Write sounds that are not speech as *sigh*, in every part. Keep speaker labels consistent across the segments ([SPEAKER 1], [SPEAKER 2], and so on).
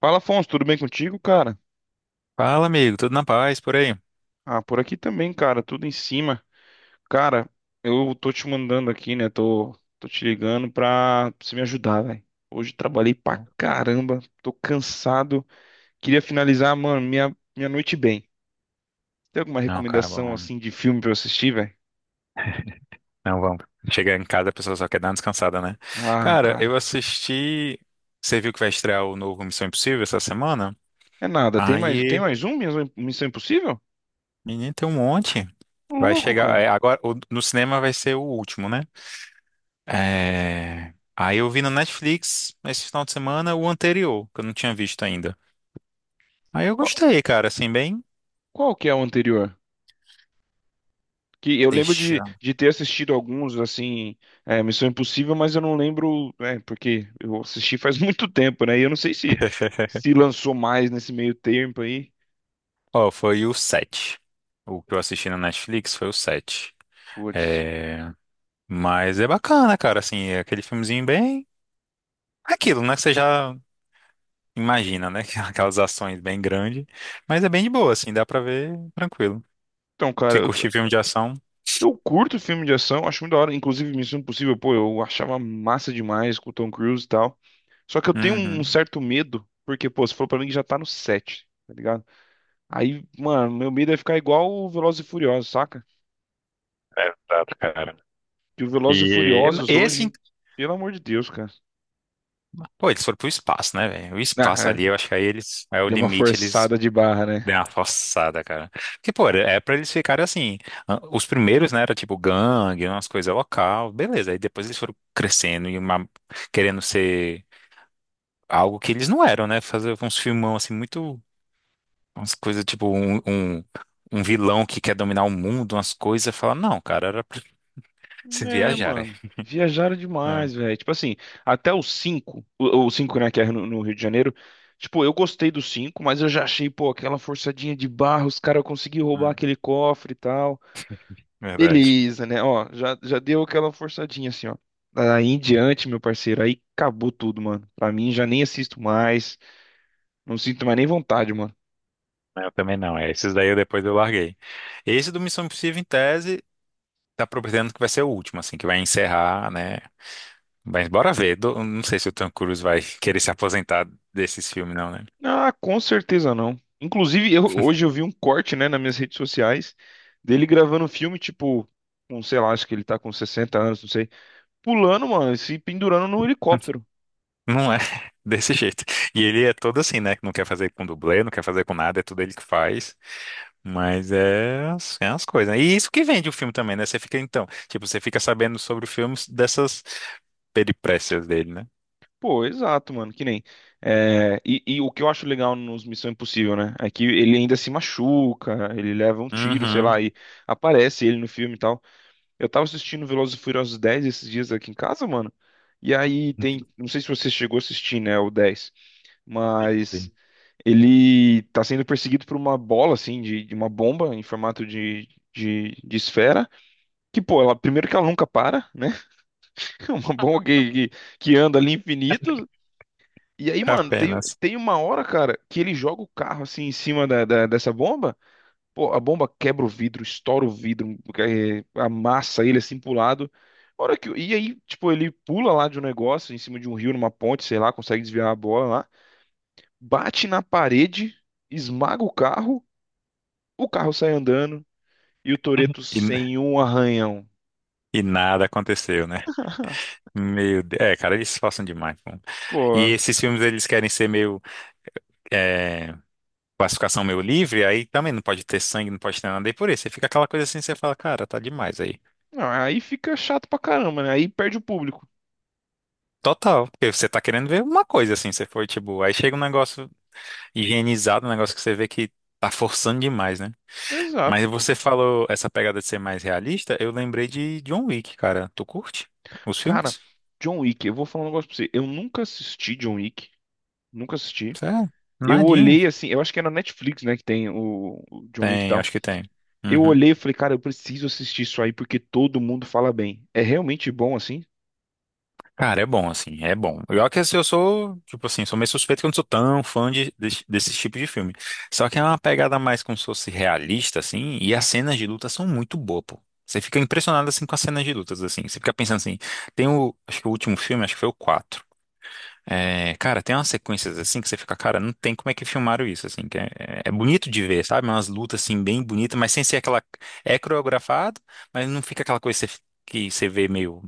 [SPEAKER 1] Fala, Afonso, tudo bem contigo, cara?
[SPEAKER 2] Fala, amigo, tudo na paz por aí?
[SPEAKER 1] Ah, por aqui também, cara, tudo em cima. Cara, eu tô te mandando aqui, né? Tô te ligando pra você me ajudar, velho. Hoje trabalhei pra
[SPEAKER 2] Não,
[SPEAKER 1] caramba, tô cansado. Queria finalizar, mano, minha noite bem. Tem alguma
[SPEAKER 2] não, cara,
[SPEAKER 1] recomendação,
[SPEAKER 2] bom.
[SPEAKER 1] assim, de filme pra eu assistir, velho?
[SPEAKER 2] Não, vamos. Chegar em casa, a pessoa só quer dar uma descansada, né?
[SPEAKER 1] Ah,
[SPEAKER 2] Cara,
[SPEAKER 1] cara,
[SPEAKER 2] eu assisti. Você viu que vai estrear o novo Missão Impossível essa semana?
[SPEAKER 1] é nada.
[SPEAKER 2] Aí,
[SPEAKER 1] Tem mais um? Minha Missão Impossível?
[SPEAKER 2] menino, tem um monte.
[SPEAKER 1] Ô,
[SPEAKER 2] Vai
[SPEAKER 1] Louco,
[SPEAKER 2] chegar. É,
[SPEAKER 1] cara.
[SPEAKER 2] agora, no cinema vai ser o último, né? Aí eu vi no Netflix esse final de semana o anterior, que eu não tinha visto ainda. Aí eu
[SPEAKER 1] Qual,
[SPEAKER 2] gostei, cara, assim, bem.
[SPEAKER 1] qual que é o anterior? Que eu lembro de,
[SPEAKER 2] Deixa.
[SPEAKER 1] de ter assistido alguns, assim, é, Missão Impossível, mas eu não lembro, é, porque eu assisti faz *laughs* muito tempo, né? E eu não sei se
[SPEAKER 2] *laughs*
[SPEAKER 1] se lançou mais nesse meio tempo aí.
[SPEAKER 2] Ó, foi o 7. O que eu assisti na Netflix foi o 7.
[SPEAKER 1] Putz.
[SPEAKER 2] É, mas é bacana, cara, assim, é aquele filmezinho bem aquilo, né, que você já imagina, né, *laughs* que é aquelas ações bem grandes, mas é bem de boa, assim, dá pra ver tranquilo.
[SPEAKER 1] Então, cara,
[SPEAKER 2] Se
[SPEAKER 1] eu,
[SPEAKER 2] curtir filme de ação,
[SPEAKER 1] eu curto filme de ação, acho muito da hora. Inclusive, Missão Impossível, pô, eu achava massa demais com o Tom Cruise e tal. Só que eu tenho um
[SPEAKER 2] uhum.
[SPEAKER 1] certo medo, porque, pô, você falou pra mim que já tá no 7, tá ligado? Aí, mano, meu medo é ficar igual o Velozes e Furiosos, saca?
[SPEAKER 2] É, exato, cara.
[SPEAKER 1] Que o Velozes e
[SPEAKER 2] E
[SPEAKER 1] Furiosos
[SPEAKER 2] esse,
[SPEAKER 1] hoje, pelo amor de Deus, cara.
[SPEAKER 2] pô, eles foram pro espaço, né, velho? O
[SPEAKER 1] Ah,
[SPEAKER 2] espaço ali, eu
[SPEAKER 1] é.
[SPEAKER 2] acho que aí eles, é o
[SPEAKER 1] Deu uma
[SPEAKER 2] limite, eles
[SPEAKER 1] forçada de barra, né?
[SPEAKER 2] deram uma forçada, cara. Porque, pô, é pra eles ficarem assim, ah, os primeiros, né, era tipo gangue, umas coisas local, beleza, aí depois eles foram crescendo e uma, querendo ser algo que eles não eram, né? Fazer uns filmão assim, muito. Umas coisas tipo um vilão que quer dominar o mundo, umas coisas. Fala, não, cara, era pra se
[SPEAKER 1] É,
[SPEAKER 2] viajar. É,
[SPEAKER 1] mano. Viajaram
[SPEAKER 2] é,
[SPEAKER 1] demais, velho. Tipo assim, até o 5, o 5, né, que é no, no Rio de Janeiro. Tipo, eu gostei do 5, mas eu já achei, pô, aquela forçadinha de barra, os caras conseguiram roubar
[SPEAKER 2] hum,
[SPEAKER 1] aquele cofre e tal.
[SPEAKER 2] verdade.
[SPEAKER 1] Beleza, né? Ó, já deu aquela forçadinha assim, ó. Aí em diante, meu parceiro, aí acabou tudo, mano. Pra mim, já nem assisto mais. Não sinto mais nem vontade, mano.
[SPEAKER 2] Eu também não, é. Esses daí eu depois eu larguei. Esse do Missão Impossível, em tese, tá prometendo que vai ser o último, assim, que vai encerrar, né? Mas bora ver. Não sei se o Tom Cruise vai querer se aposentar desses filmes, não, né?
[SPEAKER 1] Ah, com certeza não. Inclusive, hoje eu vi um corte, né, nas minhas redes sociais dele gravando um filme, tipo, com, sei lá, acho que ele tá com 60 anos, não sei, pulando, mano, e se pendurando no helicóptero.
[SPEAKER 2] Não é *laughs* desse jeito. E ele é todo assim, né? Que não quer fazer com dublê, não quer fazer com nada, é tudo ele que faz. Mas é, é umas coisas, né? E isso que vende o filme também, né? Você fica, então, tipo, você fica sabendo sobre o filme dessas peripécias dele, né?
[SPEAKER 1] Pô, exato, mano, que nem. É, e o que eu acho legal nos Missão Impossível, né, é que ele ainda se machuca, ele leva um tiro, sei
[SPEAKER 2] Uhum.
[SPEAKER 1] lá, e aparece ele no filme e tal. Eu tava assistindo Velozes e Furiosos 10 esses dias aqui em casa, mano, e aí tem,
[SPEAKER 2] *laughs*
[SPEAKER 1] não sei se você chegou a assistir, né, o 10 mas.
[SPEAKER 2] Sim.
[SPEAKER 1] Ele tá sendo perseguido por uma bola, assim, de uma bomba em formato de esfera. Que, pô, ela, primeiro que ela nunca para, né? *laughs* É uma bomba que anda ali infinito. E aí, mano, tem,
[SPEAKER 2] Apenas.
[SPEAKER 1] tem uma hora, cara, que ele joga o carro, assim, em cima dessa bomba. Pô, a bomba quebra o vidro, estoura o vidro, é, amassa ele, assim, pro lado. A hora que, e aí, tipo, ele pula lá de um negócio, em cima de um rio, numa ponte, sei lá, consegue desviar a bola lá. Bate na parede, esmaga o carro. O carro sai andando e o Toretto
[SPEAKER 2] E,
[SPEAKER 1] sem um arranhão.
[SPEAKER 2] e nada aconteceu, né?
[SPEAKER 1] *laughs*
[SPEAKER 2] Meu Deus. É, cara, eles se passam demais, pô. E
[SPEAKER 1] Pô,
[SPEAKER 2] esses filmes, eles querem ser meio. É, classificação meio livre, aí também não pode ter sangue, não pode ter nada, e por isso, você fica aquela coisa assim, você fala, cara, tá demais aí.
[SPEAKER 1] não, aí fica chato pra caramba, né? Aí perde o público.
[SPEAKER 2] Total, porque você tá querendo ver uma coisa assim, você foi tipo, aí chega um negócio higienizado, um negócio que você vê que tá forçando demais, né? Mas
[SPEAKER 1] Exato,
[SPEAKER 2] você
[SPEAKER 1] pô.
[SPEAKER 2] falou essa pegada de ser mais realista, eu lembrei de John Wick, cara. Tu curte os
[SPEAKER 1] Cara,
[SPEAKER 2] filmes?
[SPEAKER 1] John Wick, eu vou falar um negócio pra você. Eu nunca assisti John Wick. Nunca assisti.
[SPEAKER 2] Sério?
[SPEAKER 1] Eu
[SPEAKER 2] Nadinha.
[SPEAKER 1] olhei assim, eu acho que é na Netflix, né, que tem o John Wick e
[SPEAKER 2] Tem,
[SPEAKER 1] tal.
[SPEAKER 2] acho que tem.
[SPEAKER 1] Eu
[SPEAKER 2] Uhum.
[SPEAKER 1] olhei e falei, cara, eu preciso assistir isso aí porque todo mundo fala bem. É realmente bom assim?
[SPEAKER 2] Cara, é bom, assim, é bom. Eu que assim, eu sou, tipo assim, sou meio suspeito que eu não sou tão fã de, desse, desse tipo de filme. Só que é uma pegada mais como se fosse realista, assim, e as cenas de luta são muito boas, pô. Você fica impressionado, assim, com as cenas de lutas, assim. Você fica pensando assim, tem o, acho que o último filme, acho que foi o quatro. É, cara, tem umas sequências, assim, que você fica, cara, não tem como é que filmaram isso, assim, que é, é bonito de ver, sabe? Umas lutas, assim, bem bonitas, mas sem ser aquela, é coreografado, mas não fica aquela coisa que você vê meio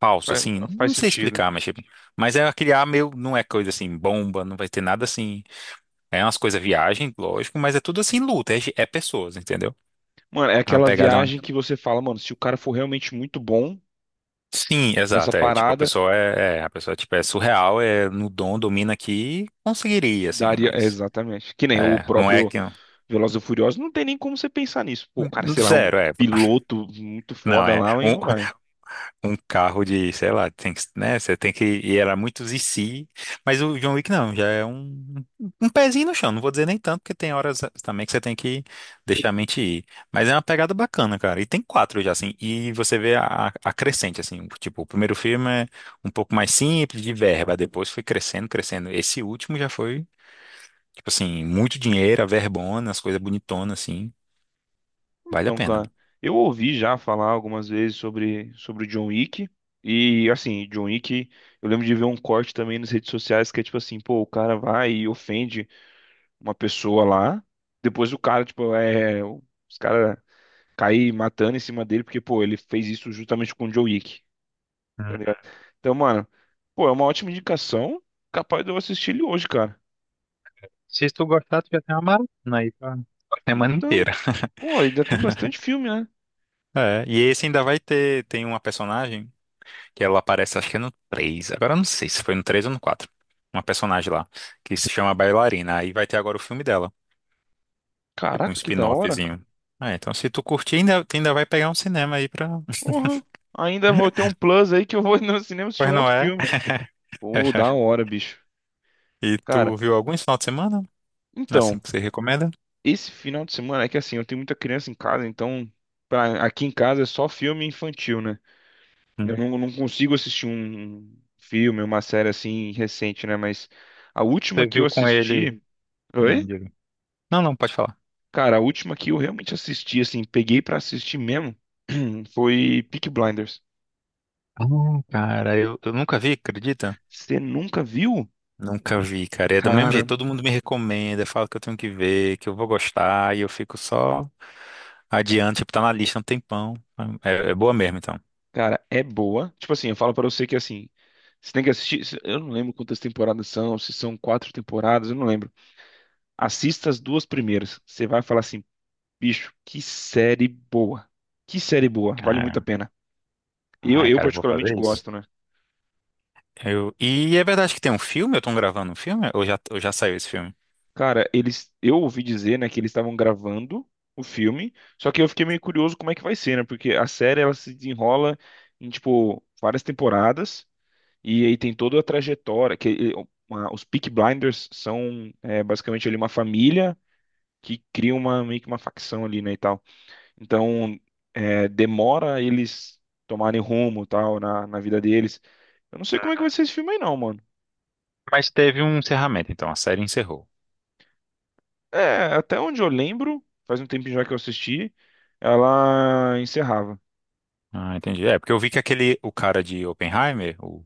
[SPEAKER 2] falso,
[SPEAKER 1] Faz,
[SPEAKER 2] assim,
[SPEAKER 1] faz
[SPEAKER 2] não sei
[SPEAKER 1] sentido.
[SPEAKER 2] explicar, mas tipo, mas é aquele ar meio, não é coisa assim, bomba, não vai ter nada assim, é umas coisas viagem, lógico, mas é tudo assim, luta, é, é pessoas, entendeu?
[SPEAKER 1] Mano, é
[SPEAKER 2] É uma
[SPEAKER 1] aquela
[SPEAKER 2] pegada mais...
[SPEAKER 1] viagem que você fala, mano, se o cara for realmente muito bom
[SPEAKER 2] Sim,
[SPEAKER 1] nessa
[SPEAKER 2] exato, é, tipo, a
[SPEAKER 1] parada,
[SPEAKER 2] pessoa é, a pessoa, tipo, é surreal, é no dom, domina aqui, conseguiria, assim,
[SPEAKER 1] daria, é,
[SPEAKER 2] mas,
[SPEAKER 1] exatamente. Que nem o
[SPEAKER 2] é, não é
[SPEAKER 1] próprio
[SPEAKER 2] que...
[SPEAKER 1] Velozes e Furiosos, não tem nem como você pensar nisso. Pô, o cara, sei lá, um
[SPEAKER 2] Zero, é. *laughs*
[SPEAKER 1] piloto muito
[SPEAKER 2] Não,
[SPEAKER 1] foda
[SPEAKER 2] é.
[SPEAKER 1] lá e
[SPEAKER 2] Um,
[SPEAKER 1] não vai.
[SPEAKER 2] um carro de, sei lá, tem que, né? Você tem que. E era muitos e se. Mas o John Wick não, já é um pezinho no chão. Não vou dizer nem tanto, porque tem horas também que você tem que deixar a mente ir. Mas é uma pegada bacana, cara. E tem quatro já, assim. E você vê a crescente, assim. Tipo, o primeiro filme é um pouco mais simples, de verba. Depois foi crescendo, crescendo. Esse último já foi, tipo assim, muito dinheiro, a verbona, as coisas bonitonas, assim. Vale a
[SPEAKER 1] Então,
[SPEAKER 2] pena.
[SPEAKER 1] cara, eu ouvi já falar algumas vezes sobre o John Wick. E, assim, John Wick, eu lembro de ver um corte também nas redes sociais que é tipo assim, pô, o cara vai e ofende uma pessoa lá. Depois o cara, tipo, é. Os caras caem matando em cima dele porque, pô, ele fez isso justamente com o John Wick. Tá
[SPEAKER 2] Hum.
[SPEAKER 1] ligado? Então, mano, pô, é uma ótima indicação. Capaz de eu assistir ele hoje, cara.
[SPEAKER 2] Se tu gostar, tu já tem uma maratona aí pra a semana
[SPEAKER 1] Então,
[SPEAKER 2] inteira.
[SPEAKER 1] pô, ainda tem bastante filme, né?
[SPEAKER 2] É, e esse ainda vai ter, tem uma personagem que ela aparece, acho que é no três, agora eu não sei se foi no 3 ou no quatro, uma personagem lá, que se chama Bailarina, aí vai ter agora o filme dela, tipo um
[SPEAKER 1] Caraca, que da hora.
[SPEAKER 2] spin-offzinho. Ah, então se tu curtir, ainda, tu ainda vai pegar um cinema aí pra... *laughs*
[SPEAKER 1] Porra. Ainda vou ter um plus aí que eu vou *laughs* no cinema assistir
[SPEAKER 2] Pois
[SPEAKER 1] um
[SPEAKER 2] não
[SPEAKER 1] outro
[SPEAKER 2] é?
[SPEAKER 1] filme. Pô, da
[SPEAKER 2] *laughs*
[SPEAKER 1] hora, bicho.
[SPEAKER 2] E
[SPEAKER 1] Cara,
[SPEAKER 2] tu viu algum esse final de semana? Assim
[SPEAKER 1] então,
[SPEAKER 2] que você recomenda?
[SPEAKER 1] esse final de semana é que assim, eu tenho muita criança em casa, então aqui em casa é só filme infantil, né? Eu
[SPEAKER 2] Hum.
[SPEAKER 1] não, não consigo assistir um filme, uma série assim recente, né? Mas a última
[SPEAKER 2] Você
[SPEAKER 1] que eu
[SPEAKER 2] viu com ele...
[SPEAKER 1] assisti.
[SPEAKER 2] Não,
[SPEAKER 1] Oi?
[SPEAKER 2] diga. Não, não, pode falar.
[SPEAKER 1] Cara, a última que eu realmente assisti, assim, peguei pra assistir mesmo, *clears throat* foi Peaky Blinders.
[SPEAKER 2] Ah, cara, eu nunca vi, acredita?
[SPEAKER 1] Você nunca viu?
[SPEAKER 2] Nunca vi, cara. E é do mesmo
[SPEAKER 1] Cara,
[SPEAKER 2] jeito, todo mundo me recomenda, fala que eu tenho que ver, que eu vou gostar, e eu fico só adiante tipo, tá na lista há um tempão. É, é boa mesmo, então.
[SPEAKER 1] cara, é boa. Tipo assim, eu falo pra você que assim, você tem que assistir. Eu não lembro quantas temporadas são, se são quatro temporadas, eu não lembro. Assista as duas primeiras. Você vai falar assim, bicho, que série boa. Que série boa, vale muito a
[SPEAKER 2] Cara,
[SPEAKER 1] pena.
[SPEAKER 2] ai,
[SPEAKER 1] Eu
[SPEAKER 2] cara, eu vou
[SPEAKER 1] particularmente
[SPEAKER 2] fazer isso.
[SPEAKER 1] gosto, né?
[SPEAKER 2] E é verdade que tem um filme? Eu tô gravando um filme? Ou já saiu esse filme?
[SPEAKER 1] Cara, eles, eu ouvi dizer, né, que eles estavam gravando o filme, só que eu fiquei meio curioso como é que vai ser, né? Porque a série ela se desenrola em tipo várias temporadas e aí tem toda a trajetória que os Peaky Blinders são basicamente ali uma família que cria uma meio que uma facção ali, né, e tal. Então, demora eles tomarem rumo, tal, na, na vida deles. Eu não sei como é que vai
[SPEAKER 2] Uhum.
[SPEAKER 1] ser esse filme aí não, mano.
[SPEAKER 2] Mas teve um encerramento, então, a série encerrou.
[SPEAKER 1] É, até onde eu lembro, faz um tempinho já que eu assisti, ela encerrava.
[SPEAKER 2] Ah, entendi. É, porque eu vi que aquele, o cara de Oppenheimer, o,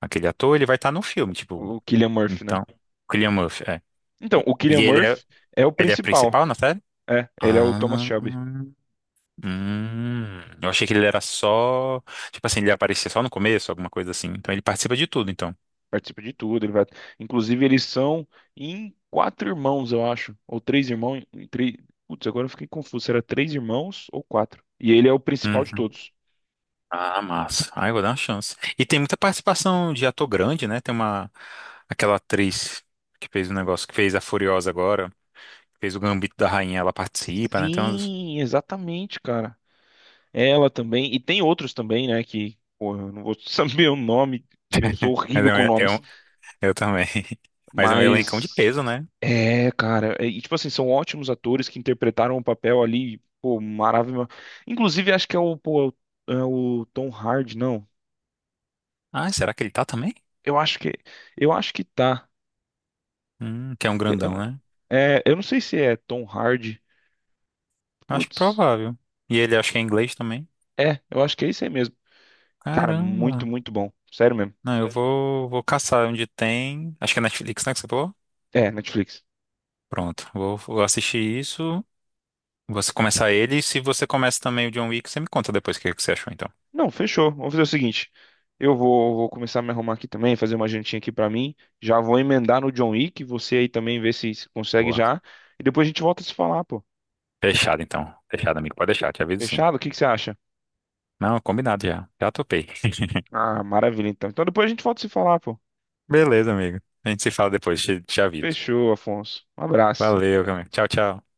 [SPEAKER 2] aquele ator, ele vai estar no filme, tipo,
[SPEAKER 1] O Cillian Murphy, né?
[SPEAKER 2] então, Cillian Murphy, é.
[SPEAKER 1] Então, o Cillian
[SPEAKER 2] E ele é,
[SPEAKER 1] Murphy é o
[SPEAKER 2] ele é
[SPEAKER 1] principal.
[SPEAKER 2] principal na série?
[SPEAKER 1] É, ele é o Thomas
[SPEAKER 2] Ah,
[SPEAKER 1] Shelby.
[SPEAKER 2] hum. Eu achei que ele era só, tipo assim, ele aparecia só no começo, alguma coisa assim. Então ele participa de tudo, então.
[SPEAKER 1] Participa de tudo, ele vai. Inclusive, eles são em quatro irmãos, eu acho. Ou três irmãos. Em três... Putz, agora eu fiquei confuso. Será três irmãos ou quatro? E ele é o principal de
[SPEAKER 2] Uhum.
[SPEAKER 1] todos.
[SPEAKER 2] Ah, massa. Ai, vou dar uma chance. E tem muita participação de ator grande, né? Tem uma, aquela atriz que fez o negócio, que fez a Furiosa agora, fez o Gambito da Rainha, ela participa, né? Tem umas...
[SPEAKER 1] Sim, exatamente, cara. Ela também. E tem outros também, né? Que, porra, eu não vou *laughs* saber o nome. Eu sou
[SPEAKER 2] *laughs* Mas
[SPEAKER 1] horrível
[SPEAKER 2] é um,
[SPEAKER 1] com nomes.
[SPEAKER 2] eu também. *laughs* Mas é um elencão de
[SPEAKER 1] Mas
[SPEAKER 2] peso, né?
[SPEAKER 1] é, cara, e tipo assim, são ótimos atores que interpretaram o papel ali, pô, maravilhoso. Inclusive, acho que é o, pô, é o Tom Hardy, não.
[SPEAKER 2] Ah, será que ele tá também?
[SPEAKER 1] Eu acho que eu acho que tá.
[SPEAKER 2] Que é um grandão,
[SPEAKER 1] Eu-
[SPEAKER 2] né?
[SPEAKER 1] É, eu não sei se é Tom Hardy.
[SPEAKER 2] Acho
[SPEAKER 1] Putz,
[SPEAKER 2] provável. E ele acho que é inglês também.
[SPEAKER 1] é, eu acho que é isso aí mesmo. Cara,
[SPEAKER 2] Caramba.
[SPEAKER 1] muito, muito bom. Sério mesmo.
[SPEAKER 2] Não, vou caçar onde tem. Acho que é Netflix, né, que você falou?
[SPEAKER 1] É, Netflix.
[SPEAKER 2] Pronto, vou assistir isso. Você começar ele. E se você começa também o John Wick, você me conta depois o que que você achou, então.
[SPEAKER 1] Não, fechou. Vamos fazer o seguinte. Eu vou, vou começar a me arrumar aqui também, fazer uma jantinha aqui pra mim. Já vou emendar no John Wick, você aí também vê se consegue
[SPEAKER 2] Boa.
[SPEAKER 1] já. E depois a gente volta a se falar, pô.
[SPEAKER 2] Fechado, então. Fechado, amigo. Pode deixar, te aviso sim.
[SPEAKER 1] Fechado? O que que você acha?
[SPEAKER 2] Não, combinado já. Já topei. *laughs*
[SPEAKER 1] Ah, maravilha então. Então depois a gente volta a se falar, pô.
[SPEAKER 2] Beleza, amigo. A gente se fala depois, te aviso.
[SPEAKER 1] Fechou, Afonso. Um abraço.
[SPEAKER 2] Valeu, amigo. Tchau, tchau.